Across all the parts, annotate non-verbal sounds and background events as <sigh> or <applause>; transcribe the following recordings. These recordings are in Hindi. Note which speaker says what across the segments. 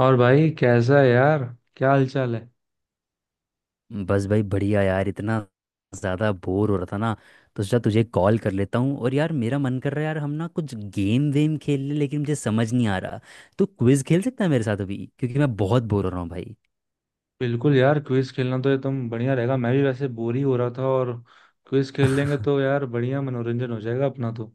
Speaker 1: और भाई कैसा है यार? क्या हालचाल है?
Speaker 2: बस भाई बढ़िया यार। इतना ज़्यादा बोर हो रहा था ना, तो सोचा तुझे कॉल कर लेता हूँ। और यार मेरा मन कर रहा है यार, हम ना कुछ गेम वेम खेल लें, लेकिन मुझे समझ नहीं आ रहा। तो क्विज खेल सकता है मेरे साथ अभी, क्योंकि मैं बहुत बोर हो रहा हूँ भाई।
Speaker 1: बिल्कुल यार, क्विज खेलना तो ये तुम बढ़िया रहेगा। मैं भी वैसे बोर ही हो रहा था और क्विज खेल लेंगे तो यार बढ़िया मनोरंजन हो जाएगा अपना तो।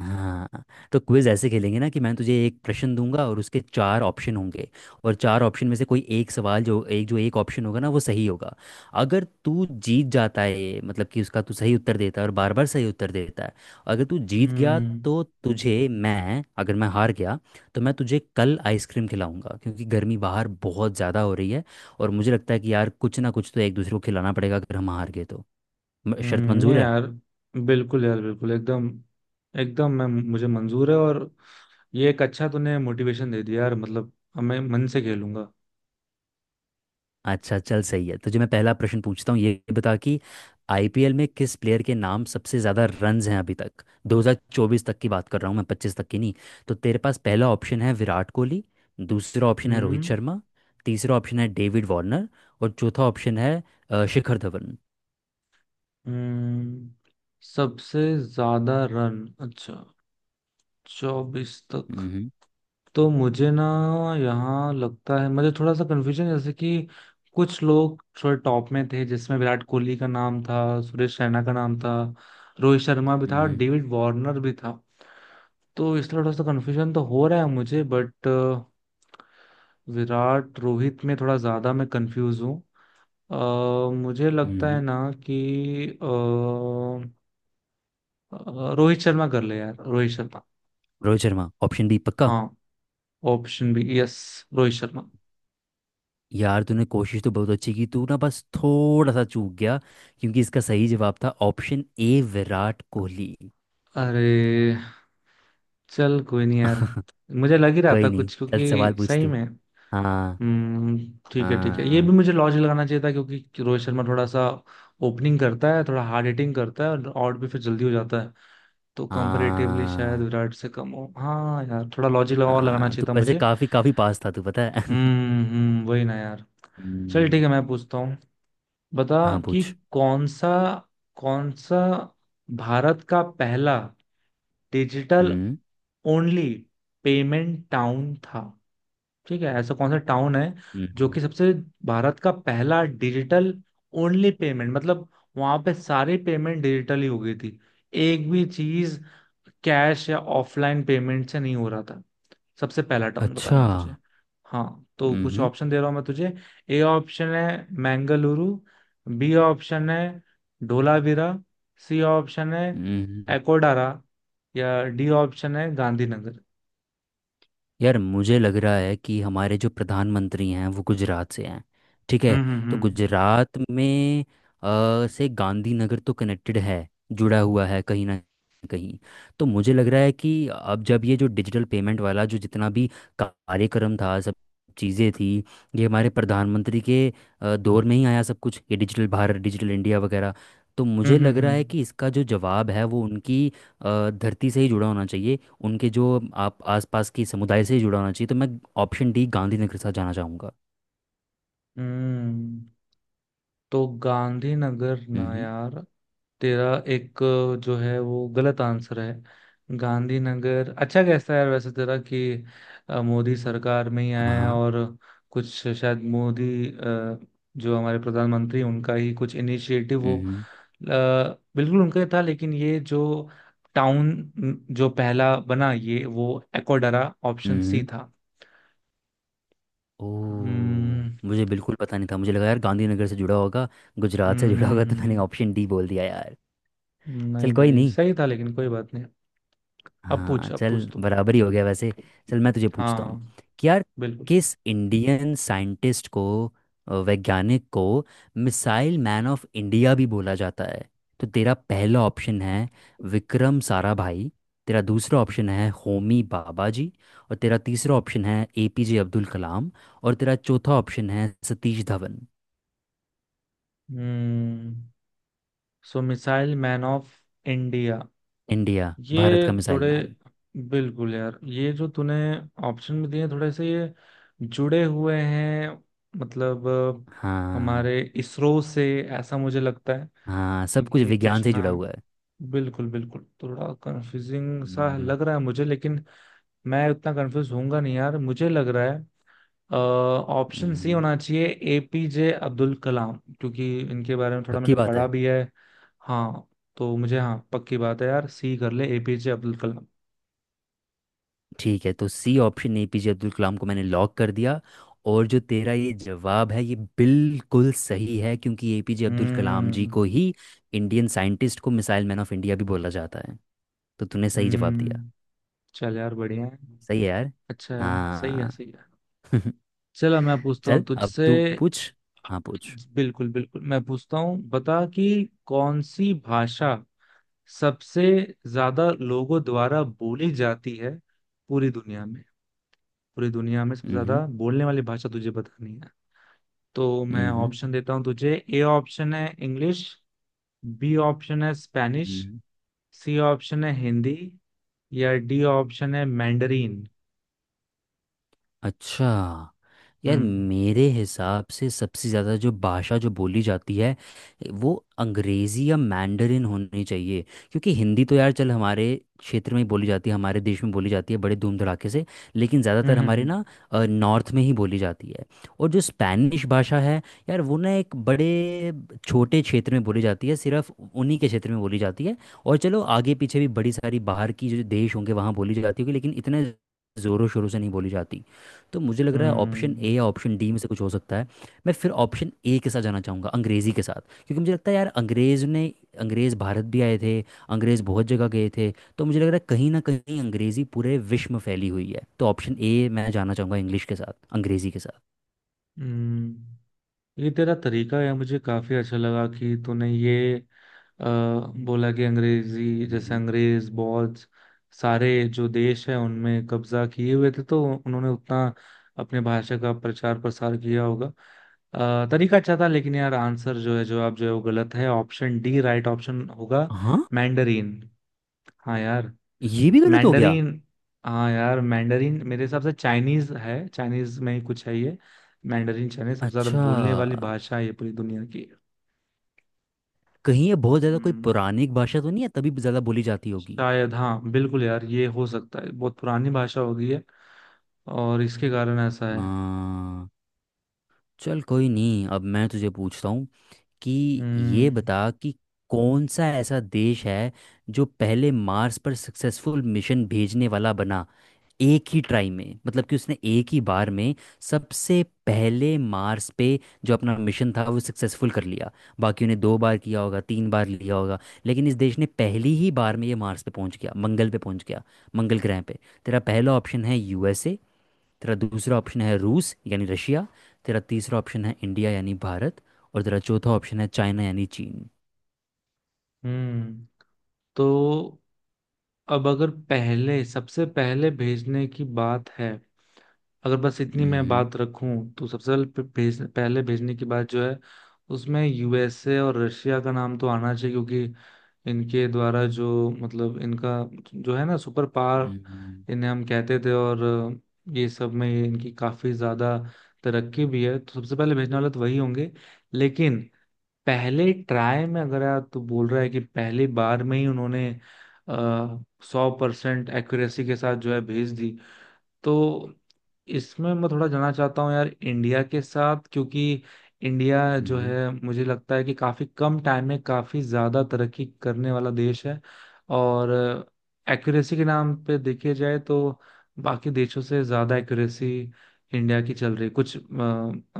Speaker 2: हाँ, तो क्विज ऐसे खेलेंगे ना, कि मैं तुझे एक प्रश्न दूंगा और उसके चार ऑप्शन होंगे। और चार ऑप्शन में से कोई एक सवाल जो एक ऑप्शन होगा ना, वो सही होगा। अगर तू जीत जाता है ये, मतलब कि उसका तू सही उत्तर देता है और बार बार सही उत्तर देता है, अगर तू जीत गया,
Speaker 1: हम्म
Speaker 2: तो तुझे मैं, अगर मैं हार गया, तो मैं तुझे कल आइसक्रीम खिलाऊंगा, क्योंकि गर्मी बाहर बहुत ज़्यादा हो रही है। और मुझे लगता है कि यार कुछ ना कुछ तो एक दूसरे को खिलाना पड़ेगा, अगर हम हार गए तो। शर्त
Speaker 1: नहीं
Speaker 2: मंजूर है।
Speaker 1: यार, बिल्कुल यार बिल्कुल एकदम एकदम मैं मुझे मंजूर है। और ये एक अच्छा तूने मोटिवेशन दे दिया यार, मतलब अब मैं मन से खेलूंगा।
Speaker 2: अच्छा चल, सही है, तुझे मैं पहला प्रश्न पूछता हूँ। ये बता कि आईपीएल में किस प्लेयर के नाम सबसे ज़्यादा रन्स हैं अभी तक। 2024 तक की बात कर रहा हूँ मैं, 25 तक की नहीं। तो तेरे पास पहला ऑप्शन है विराट कोहली, दूसरा ऑप्शन है रोहित
Speaker 1: हम्म।
Speaker 2: शर्मा, तीसरा ऑप्शन है डेविड वार्नर, और चौथा ऑप्शन है शिखर धवन।
Speaker 1: हम्म। सबसे ज्यादा रन, अच्छा, चौबीस तक।
Speaker 2: हम्म
Speaker 1: तो मुझे ना यहाँ लगता है, मुझे थोड़ा सा कन्फ्यूजन, जैसे कि कुछ लोग थोड़े टॉप में थे जिसमें विराट कोहली का नाम था, सुरेश रैना का नाम था, रोहित शर्मा भी था,
Speaker 2: हम्म
Speaker 1: डेविड वार्नर भी था। तो इसलिए थोड़ा सा कन्फ्यूजन तो हो रहा है मुझे, बट विराट रोहित में थोड़ा ज्यादा मैं कंफ्यूज हूँ। मुझे लगता है
Speaker 2: हम्म।
Speaker 1: ना कि रोहित शर्मा कर ले यार, रोहित शर्मा।
Speaker 2: रोहित शर्मा ऑप्शन बी पक्का।
Speaker 1: हाँ, option B, yes, Rohit Sharma.
Speaker 2: यार तूने कोशिश तो बहुत अच्छी की, तू ना बस थोड़ा सा चूक गया, क्योंकि इसका सही जवाब था ऑप्शन ए विराट कोहली।
Speaker 1: अरे, चल कोई नहीं यार,
Speaker 2: <laughs>
Speaker 1: मुझे लग ही रहा था
Speaker 2: कोई नहीं,
Speaker 1: कुछ,
Speaker 2: चल सवाल
Speaker 1: क्योंकि
Speaker 2: पूछ
Speaker 1: सही
Speaker 2: तू।
Speaker 1: में।
Speaker 2: हाँ
Speaker 1: हम्म। ठीक है ठीक है, ये भी
Speaker 2: हाँ
Speaker 1: मुझे लॉजिक लगाना चाहिए था, क्योंकि रोहित शर्मा थोड़ा सा ओपनिंग करता है, थोड़ा हार्ड हिटिंग करता है और आउट भी फिर जल्दी हो जाता है। तो कंपैरेटिवली शायद
Speaker 2: हाँ।
Speaker 1: विराट से कम हो। हाँ यार, थोड़ा लॉजिक लगा और लगाना
Speaker 2: हाँ, तू
Speaker 1: चाहिए था
Speaker 2: वैसे
Speaker 1: मुझे।
Speaker 2: काफी काफी पास था तू, पता है। <laughs>
Speaker 1: हम्म, वही ना यार। चल ठीक
Speaker 2: हम्म।
Speaker 1: है, मैं पूछता हूँ। बता
Speaker 2: हाँ
Speaker 1: कि
Speaker 2: पूछ।
Speaker 1: कौन सा कौन सा भारत का पहला डिजिटल
Speaker 2: हम्म
Speaker 1: ओनली पेमेंट टाउन था? ठीक है, ऐसा कौन सा टाउन है जो
Speaker 2: हम्म।
Speaker 1: कि सबसे, भारत का पहला डिजिटल ओनली पेमेंट, मतलब वहां पे सारी पेमेंट डिजिटल ही हो गई थी, एक भी चीज कैश या ऑफलाइन पेमेंट से नहीं हो रहा था। सबसे पहला टाउन
Speaker 2: अच्छा।
Speaker 1: बताना है तुझे। हाँ, तो कुछ
Speaker 2: हम्म
Speaker 1: ऑप्शन दे रहा हूँ मैं तुझे। ए ऑप्शन है मैंगलुरु, बी ऑप्शन है धोलावीरा, सी ऑप्शन है
Speaker 2: हम्म।
Speaker 1: एकोडारा, या डी ऑप्शन है गांधीनगर।
Speaker 2: यार मुझे लग रहा है कि हमारे जो प्रधानमंत्री हैं वो गुजरात से हैं, ठीक है।
Speaker 1: हम्म।
Speaker 2: तो
Speaker 1: हम्म।
Speaker 2: गुजरात में से गांधीनगर तो कनेक्टेड है, जुड़ा हुआ है कहीं ना कहीं। तो मुझे लग रहा है कि अब जब ये जो डिजिटल पेमेंट वाला जो जितना भी कार्यक्रम था, सब चीज़ें थी, ये हमारे प्रधानमंत्री के दौर में ही आया सब कुछ, ये डिजिटल भारत डिजिटल इंडिया वगैरह। तो
Speaker 1: हम्म।
Speaker 2: मुझे
Speaker 1: हम्म।
Speaker 2: लग
Speaker 1: हम्म।
Speaker 2: रहा है
Speaker 1: हम्म।
Speaker 2: कि इसका जो जवाब है वो उनकी धरती से ही जुड़ा होना चाहिए। उनके जो आप आसपास की समुदाय से ही जुड़ा होना चाहिए, तो मैं ऑप्शन डी गांधीनगर के साथ जाना चाहूँगा।
Speaker 1: हम्म। तो गांधीनगर ना
Speaker 2: हम्म।
Speaker 1: यार तेरा एक जो है, वो गलत आंसर है। गांधीनगर अच्छा कैसा है यार वैसे तेरा, कि मोदी सरकार में ही
Speaker 2: हाँ
Speaker 1: आया है
Speaker 2: हाँ।
Speaker 1: और कुछ शायद मोदी, जो हमारे प्रधानमंत्री हैं, उनका ही कुछ इनिशिएटिव हो।
Speaker 2: हम्म
Speaker 1: बिल्कुल उनका ही था, लेकिन ये जो टाउन जो पहला बना ये, वो एकोडरा ऑप्शन सी
Speaker 2: हम्म।
Speaker 1: था।
Speaker 2: ओ,
Speaker 1: हम्म
Speaker 2: मुझे बिल्कुल पता नहीं था, मुझे लगा यार गांधीनगर से जुड़ा होगा, गुजरात से
Speaker 1: हम्म
Speaker 2: जुड़ा
Speaker 1: हम्म
Speaker 2: होगा, तो मैंने
Speaker 1: हम्म।
Speaker 2: ऑप्शन डी बोल दिया यार। चल
Speaker 1: नहीं
Speaker 2: कोई
Speaker 1: भाई,
Speaker 2: नहीं।
Speaker 1: सही था, लेकिन कोई बात नहीं। अब
Speaker 2: हाँ
Speaker 1: पूछ, अब
Speaker 2: चल
Speaker 1: पूछ तू।
Speaker 2: बराबर ही हो गया वैसे। चल मैं तुझे पूछता
Speaker 1: हाँ,
Speaker 2: हूँ, कि यार
Speaker 1: बिल्कुल।
Speaker 2: किस इंडियन साइंटिस्ट को, वैज्ञानिक को मिसाइल मैन ऑफ इंडिया भी बोला जाता है। तो तेरा पहला ऑप्शन है विक्रम साराभाई, तेरा दूसरा ऑप्शन है होमी बाबा जी, और तेरा तीसरा ऑप्शन है एपीजे अब्दुल कलाम, और तेरा चौथा ऑप्शन है सतीश धवन।
Speaker 1: हम्म। So missile man of India,
Speaker 2: India, Bharat
Speaker 1: ये
Speaker 2: का मिसाइल
Speaker 1: थोड़े,
Speaker 2: मैन।
Speaker 1: बिल्कुल यार ये जो तूने ऑप्शन में दिए हैं, थोड़े से ये जुड़े हुए हैं। मतलब
Speaker 2: हाँ
Speaker 1: हमारे इसरो से, ऐसा मुझे लगता है।
Speaker 2: हाँ, सब कुछ
Speaker 1: क्योंकि
Speaker 2: विज्ञान
Speaker 1: कुछ
Speaker 2: से जुड़ा
Speaker 1: नाम,
Speaker 2: हुआ है।
Speaker 1: बिल्कुल बिल्कुल थोड़ा कंफ्यूजिंग सा
Speaker 2: हम्म,
Speaker 1: लग रहा है मुझे, लेकिन मैं उतना कंफ्यूज होऊंगा नहीं यार। मुझे लग रहा है ऑप्शन सी
Speaker 2: हम्म।
Speaker 1: होना चाहिए, एपीजे अब्दुल कलाम, क्योंकि इनके बारे में थोड़ा
Speaker 2: पक्की
Speaker 1: मैंने
Speaker 2: बात
Speaker 1: पढ़ा
Speaker 2: है।
Speaker 1: भी है। हाँ, तो मुझे, हाँ, पक्की बात है यार, सी कर ले, एपीजे अब्दुल कलाम।
Speaker 2: ठीक है, तो C option APJ Abdul Kalam को मैंने लॉक कर दिया। और जो तेरा ये जवाब है ये बिल्कुल सही है, क्योंकि एपीजे अब्दुल कलाम जी
Speaker 1: हम्म।
Speaker 2: को ही इंडियन साइंटिस्ट को मिसाइल मैन ऑफ इंडिया भी बोला जाता है। तो तूने सही जवाब दिया।
Speaker 1: हम्म। चल यार बढ़िया है।
Speaker 2: सही है यार।
Speaker 1: अच्छा है, सही है,
Speaker 2: हाँ।
Speaker 1: सही है।
Speaker 2: <laughs>
Speaker 1: चलो मैं पूछता हूँ
Speaker 2: चल अब
Speaker 1: तुझसे।
Speaker 2: तू पूछ। हाँ पूछ।
Speaker 1: बिल्कुल बिल्कुल मैं पूछता हूँ। बता कि कौन सी भाषा सबसे ज्यादा लोगों द्वारा बोली जाती है पूरी दुनिया में? पूरी दुनिया में सबसे ज्यादा
Speaker 2: हम्म
Speaker 1: बोलने वाली भाषा तुझे बतानी है। तो मैं
Speaker 2: हम्म।
Speaker 1: ऑप्शन देता हूँ तुझे। ए ऑप्शन है इंग्लिश, बी ऑप्शन है स्पेनिश,
Speaker 2: हम्म।
Speaker 1: सी ऑप्शन है हिंदी, या डी ऑप्शन है मैंडरीन।
Speaker 2: अच्छा। यार
Speaker 1: हम्म।
Speaker 2: मेरे हिसाब से सबसे ज़्यादा जो भाषा जो बोली जाती है वो अंग्रेज़ी या मैंडरिन होनी चाहिए। क्योंकि हिंदी तो यार चल हमारे क्षेत्र में ही बोली जाती है, हमारे देश में बोली जाती है बड़े धूम धड़ाके से, लेकिन
Speaker 1: हम्म।
Speaker 2: ज़्यादातर
Speaker 1: हम्म।
Speaker 2: हमारे
Speaker 1: हम्म।
Speaker 2: ना नॉर्थ में ही बोली जाती है। और जो स्पैनिश भाषा है यार वो ना एक बड़े छोटे क्षेत्र में बोली जाती है, सिर्फ उन्हीं के क्षेत्र में बोली जाती है। और चलो आगे पीछे भी बड़ी सारी बाहर की जो देश होंगे वहाँ बोली जाती होगी, लेकिन इतने ज़ोरों शोरों से नहीं बोली जाती। तो मुझे लग रहा है ऑप्शन ए
Speaker 1: हम्म।
Speaker 2: या ऑप्शन डी में से कुछ हो सकता है। मैं फिर ऑप्शन ए के साथ जाना चाहूँगा, अंग्रेज़ी के साथ, क्योंकि मुझे लगता है यार अंग्रेज़ ने, अंग्रेज़ भारत भी आए थे, अंग्रेज़ बहुत जगह गए थे। तो मुझे लग रहा है कहीं ना कहीं अंग्रेज़ी पूरे विश्व में फैली हुई है, तो ऑप्शन ए मैं जाना चाहूँगा, इंग्लिश के साथ, अंग्रेज़ी के साथ।
Speaker 1: हम्म। ये तेरा तरीका है, मुझे काफी अच्छा लगा कि तूने ये, अ, बोला कि अंग्रेजी, जैसे
Speaker 2: हम्म।
Speaker 1: अंग्रेज बहुत सारे जो देश हैं उनमें कब्जा किए हुए थे, तो उन्होंने उतना अपने भाषा का प्रचार प्रसार किया होगा। तरीका अच्छा था, लेकिन यार आंसर जो है, जवाब जो है, वो गलत है। ऑप्शन डी राइट ऑप्शन होगा,
Speaker 2: हाँ,
Speaker 1: मैंडरीन। हाँ यार,
Speaker 2: ये भी गलत हो गया।
Speaker 1: मैंडरीन। हाँ यार, मैंडरीन मेरे हिसाब से चाइनीज है, चाइनीज में ही कुछ है ये। मैंडरीन चाइनीज सबसे ज्यादा
Speaker 2: अच्छा,
Speaker 1: बोलने वाली भाषा है ये पूरी दुनिया की।
Speaker 2: कहीं ये बहुत ज़्यादा कोई
Speaker 1: हम्म।
Speaker 2: पौराणिक भाषा तो नहीं है तभी ज़्यादा बोली जाती होगी।
Speaker 1: शायद, हाँ बिल्कुल यार ये हो सकता है, बहुत पुरानी भाषा हो गई है और इसके कारण ऐसा है।
Speaker 2: हाँ, चल कोई नहीं, अब मैं तुझे पूछता हूँ कि ये
Speaker 1: हम्म।
Speaker 2: बता कि कौन सा ऐसा देश है जो पहले मार्स पर सक्सेसफुल मिशन भेजने वाला बना एक ही ट्राई में, मतलब कि उसने एक ही बार में सबसे पहले मार्स पे जो अपना मिशन था वो सक्सेसफुल कर लिया। बाकियों ने दो बार किया होगा, तीन बार लिया होगा, लेकिन इस देश ने पहली ही बार में ये मार्स पे पहुंच गया, मंगल पे पहुंच गया, मंगल ग्रह पे। तेरा पहला ऑप्शन है यूएसए, तेरा दूसरा ऑप्शन है रूस यानी रशिया, तेरा तीसरा ऑप्शन है इंडिया यानी भारत, और तेरा चौथा ऑप्शन है चाइना यानी चीन।
Speaker 1: हम्म। तो अब अगर पहले, सबसे पहले भेजने की बात है, अगर बस इतनी मैं
Speaker 2: हम्म,
Speaker 1: बात रखूं, तो सबसे पहले पहले भेजने की बात जो है, उसमें यूएसए और रशिया का नाम तो आना चाहिए, क्योंकि इनके द्वारा जो, मतलब इनका जो है ना, सुपर पावर
Speaker 2: हम्म,
Speaker 1: इन्हें हम कहते थे, और ये सब में इनकी काफी ज्यादा तरक्की भी है, तो सबसे पहले भेजने वाले तो वही होंगे। लेकिन पहले ट्राई में, अगर आप तो बोल रहा है कि पहली बार में ही उन्होंने सौ परसेंट एक्यूरेसी के साथ जो है भेज दी, तो इसमें मैं थोड़ा जानना चाहता हूँ यार इंडिया के साथ, क्योंकि इंडिया जो
Speaker 2: हम्म,
Speaker 1: है, मुझे लगता है कि काफी कम टाइम में काफी ज्यादा तरक्की करने वाला देश है। और एक्यूरेसी के नाम पे देखे जाए तो बाकी देशों से ज्यादा एक्यूरेसी इंडिया की चल रही है कुछ,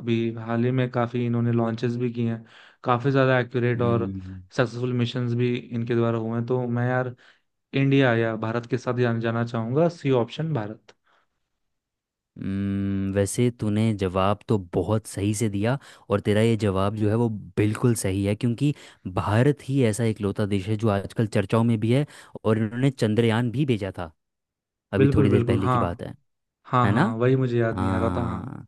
Speaker 1: अभी हाल ही में काफी इन्होंने लॉन्चेस भी किए हैं, काफी ज्यादा एक्यूरेट और
Speaker 2: हम्म।
Speaker 1: सक्सेसफुल मिशंस भी इनके द्वारा हुए हैं। तो मैं यार इंडिया या भारत के साथ जाना जाना चाहूंगा, सी ऑप्शन भारत।
Speaker 2: वैसे तूने जवाब तो बहुत सही से दिया, और तेरा ये जवाब जो है वो बिल्कुल सही है, क्योंकि भारत ही ऐसा इकलौता देश है जो आजकल चर्चाओं में भी है, और इन्होंने चंद्रयान भी भेजा था, अभी
Speaker 1: बिल्कुल
Speaker 2: थोड़ी देर
Speaker 1: बिल्कुल।
Speaker 2: पहले की
Speaker 1: हाँ।
Speaker 2: बात है।
Speaker 1: हाँ
Speaker 2: है
Speaker 1: हाँ,
Speaker 2: ना।
Speaker 1: वही मुझे याद नहीं आ रहा था, हाँ।
Speaker 2: हाँ।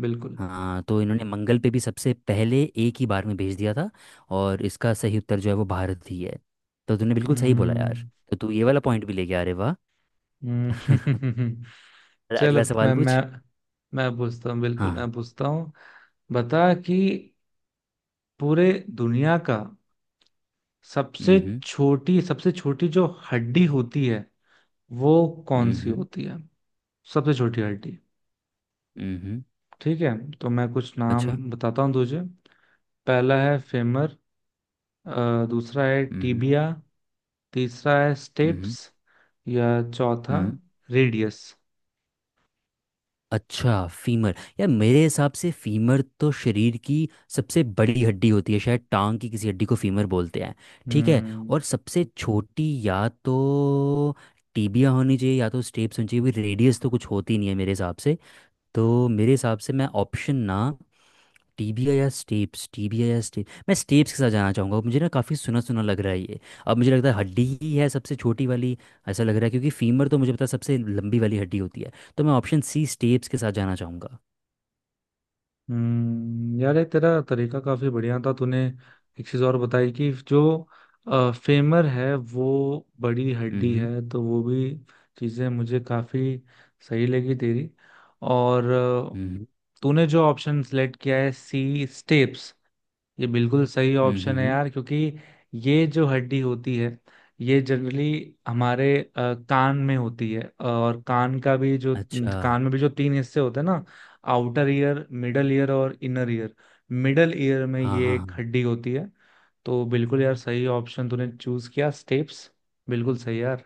Speaker 1: बिल्कुल।
Speaker 2: हाँ, तो इन्होंने मंगल पे भी सबसे पहले एक ही बार में भेज दिया था, और इसका सही उत्तर जो है वो भारत ही है। तो तूने बिल्कुल सही बोला यार।
Speaker 1: हम्म।
Speaker 2: तो तू ये वाला पॉइंट भी लेके आ रहे, वाह। <laughs>
Speaker 1: हम्म। <laughs>
Speaker 2: अरे,
Speaker 1: चल
Speaker 2: अगला
Speaker 1: अब
Speaker 2: सवाल
Speaker 1: मैं
Speaker 2: पूछ।
Speaker 1: मैं मैं पूछता हूँ, बिल्कुल
Speaker 2: हाँ हाँ।
Speaker 1: मैं पूछता हूँ। बता कि पूरे दुनिया का सबसे
Speaker 2: हम्म
Speaker 1: छोटी, सबसे छोटी जो हड्डी होती है, वो कौन
Speaker 2: हम्म
Speaker 1: सी
Speaker 2: हम्म
Speaker 1: होती है? सबसे छोटी हड्डी।
Speaker 2: हम्म। हम्म।
Speaker 1: ठीक है, तो मैं कुछ नाम
Speaker 2: अच्छा।
Speaker 1: बताता हूँ तुझे। पहला है फेमर, दूसरा है
Speaker 2: हम्म
Speaker 1: टीबिया, तीसरा है
Speaker 2: हम्म
Speaker 1: स्टेप्स, या चौथा
Speaker 2: हम्म।
Speaker 1: रेडियस।
Speaker 2: अच्छा, फीमर। यार मेरे हिसाब से फीमर तो शरीर की सबसे बड़ी हड्डी होती है, शायद टांग की किसी हड्डी को फीमर बोलते हैं, ठीक है। और
Speaker 1: हम्म।
Speaker 2: सबसे छोटी या तो टीबिया होनी चाहिए या तो स्टेप्स होनी चाहिए, रेडियस तो कुछ होती नहीं है मेरे हिसाब से। तो मेरे हिसाब से मैं ऑप्शन ना, टीबिया या स्टेप्स, टीबिया या स्टेप, मैं स्टेप्स के साथ जाना चाहूँगा, मुझे ना काफ़ी सुना सुना लग रहा है ये। अब मुझे लगता है हड्डी ही है सबसे छोटी वाली ऐसा लग रहा है, क्योंकि फीमर तो मुझे पता है सबसे लंबी वाली हड्डी होती है, तो मैं ऑप्शन सी स्टेप्स के साथ जाना चाहूँगा।
Speaker 1: हम्म। यार ये तेरा तरीका काफी बढ़िया था। तूने एक चीज और बताई कि जो फेमर है वो बड़ी हड्डी
Speaker 2: हम्म
Speaker 1: है, तो वो भी चीजें मुझे काफी सही लगी तेरी। और
Speaker 2: हम्म
Speaker 1: तूने जो ऑप्शन सेलेक्ट किया है, सी स्टेप्स, ये बिल्कुल सही ऑप्शन है
Speaker 2: हम्म।
Speaker 1: यार। क्योंकि ये जो हड्डी होती है, ये जनरली हमारे कान में होती है। और
Speaker 2: अच्छा।
Speaker 1: कान में भी जो तीन हिस्से होते हैं ना, आउटर ईयर, मिडल ईयर और इनर ईयर, मिडल ईयर में
Speaker 2: हाँ
Speaker 1: ये
Speaker 2: हाँ
Speaker 1: एक
Speaker 2: हाँ।
Speaker 1: हड्डी होती है। तो बिल्कुल यार सही ऑप्शन तूने चूज किया, स्टेप्स, बिल्कुल सही यार।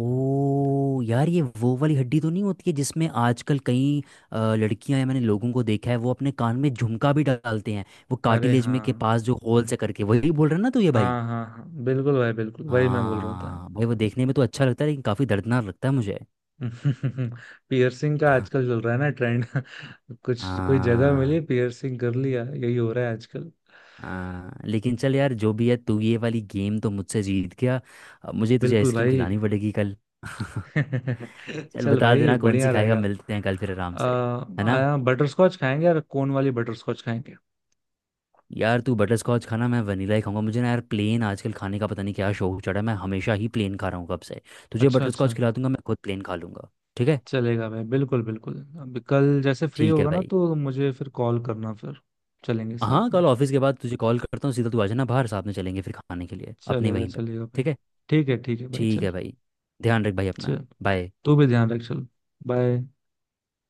Speaker 2: ओ यार, ये वो वाली हड्डी तो नहीं होती है जिसमें आजकल कई लड़कियां या मैंने लोगों को देखा है वो अपने कान में झुमका भी डालते हैं, वो
Speaker 1: अरे
Speaker 2: कार्टिलेज में
Speaker 1: हाँ,
Speaker 2: के पास जो होल से करके, वही बोल रहे हैं ना तो ये भाई।
Speaker 1: हाँ हाँ हाँ, बिल्कुल भाई, बिल्कुल वही मैं बोल रहा था।
Speaker 2: हाँ भाई, वो देखने में तो अच्छा लगता है लेकिन काफ़ी दर्दनाक लगता है मुझे।
Speaker 1: <laughs> पियर्सिंग का आजकल चल रहा है ना ट्रेंड। <laughs> कुछ कोई जगह
Speaker 2: हाँ।
Speaker 1: मिली, पियर्सिंग कर लिया, यही हो रहा है आजकल।
Speaker 2: हाँ लेकिन चल यार जो भी है, तू ये वाली गेम तो मुझसे जीत गया, अब मुझे तुझे
Speaker 1: बिल्कुल
Speaker 2: आइसक्रीम
Speaker 1: भाई।
Speaker 2: खिलानी पड़ेगी कल। <laughs>
Speaker 1: <laughs>
Speaker 2: चल
Speaker 1: चल
Speaker 2: बता
Speaker 1: भाई
Speaker 2: देना कौन सी
Speaker 1: बढ़िया
Speaker 2: खाएगा,
Speaker 1: रहेगा।
Speaker 2: मिलते हैं कल फिर आराम से। है ना।
Speaker 1: आया, बटर स्कॉच खाएंगे यार, कोन वाली बटर स्कॉच खाएंगे।
Speaker 2: यार तू बटर स्कॉच खाना, मैं वनीला ही खाऊंगा, मुझे ना यार प्लेन आजकल खाने का पता नहीं क्या शौक चढ़ा है, मैं हमेशा ही प्लेन खा रहा हूँ कब से। तुझे
Speaker 1: अच्छा
Speaker 2: बटर
Speaker 1: अच्छा,
Speaker 2: स्कॉच खिला दूंगा, मैं खुद प्लेन खा लूंगा। ठीक है।
Speaker 1: चलेगा भाई, बिल्कुल बिल्कुल। अभी कल जैसे फ्री
Speaker 2: ठीक है
Speaker 1: होगा ना
Speaker 2: भाई।
Speaker 1: तो मुझे फिर कॉल करना, फिर चलेंगे
Speaker 2: हाँ
Speaker 1: साथ में।
Speaker 2: कल ऑफिस के बाद तुझे कॉल करता हूँ सीधा, तू आ जाना बाहर, साथ में चलेंगे फिर खाने के लिए अपने
Speaker 1: चलेगा
Speaker 2: वहीं पे।
Speaker 1: चलेगा भाई।
Speaker 2: ठीक है।
Speaker 1: ठीक है भाई,
Speaker 2: ठीक
Speaker 1: चल।
Speaker 2: है भाई। ध्यान रख भाई अपना।
Speaker 1: चल,
Speaker 2: बाय।
Speaker 1: तू भी ध्यान रख। चल, बाय।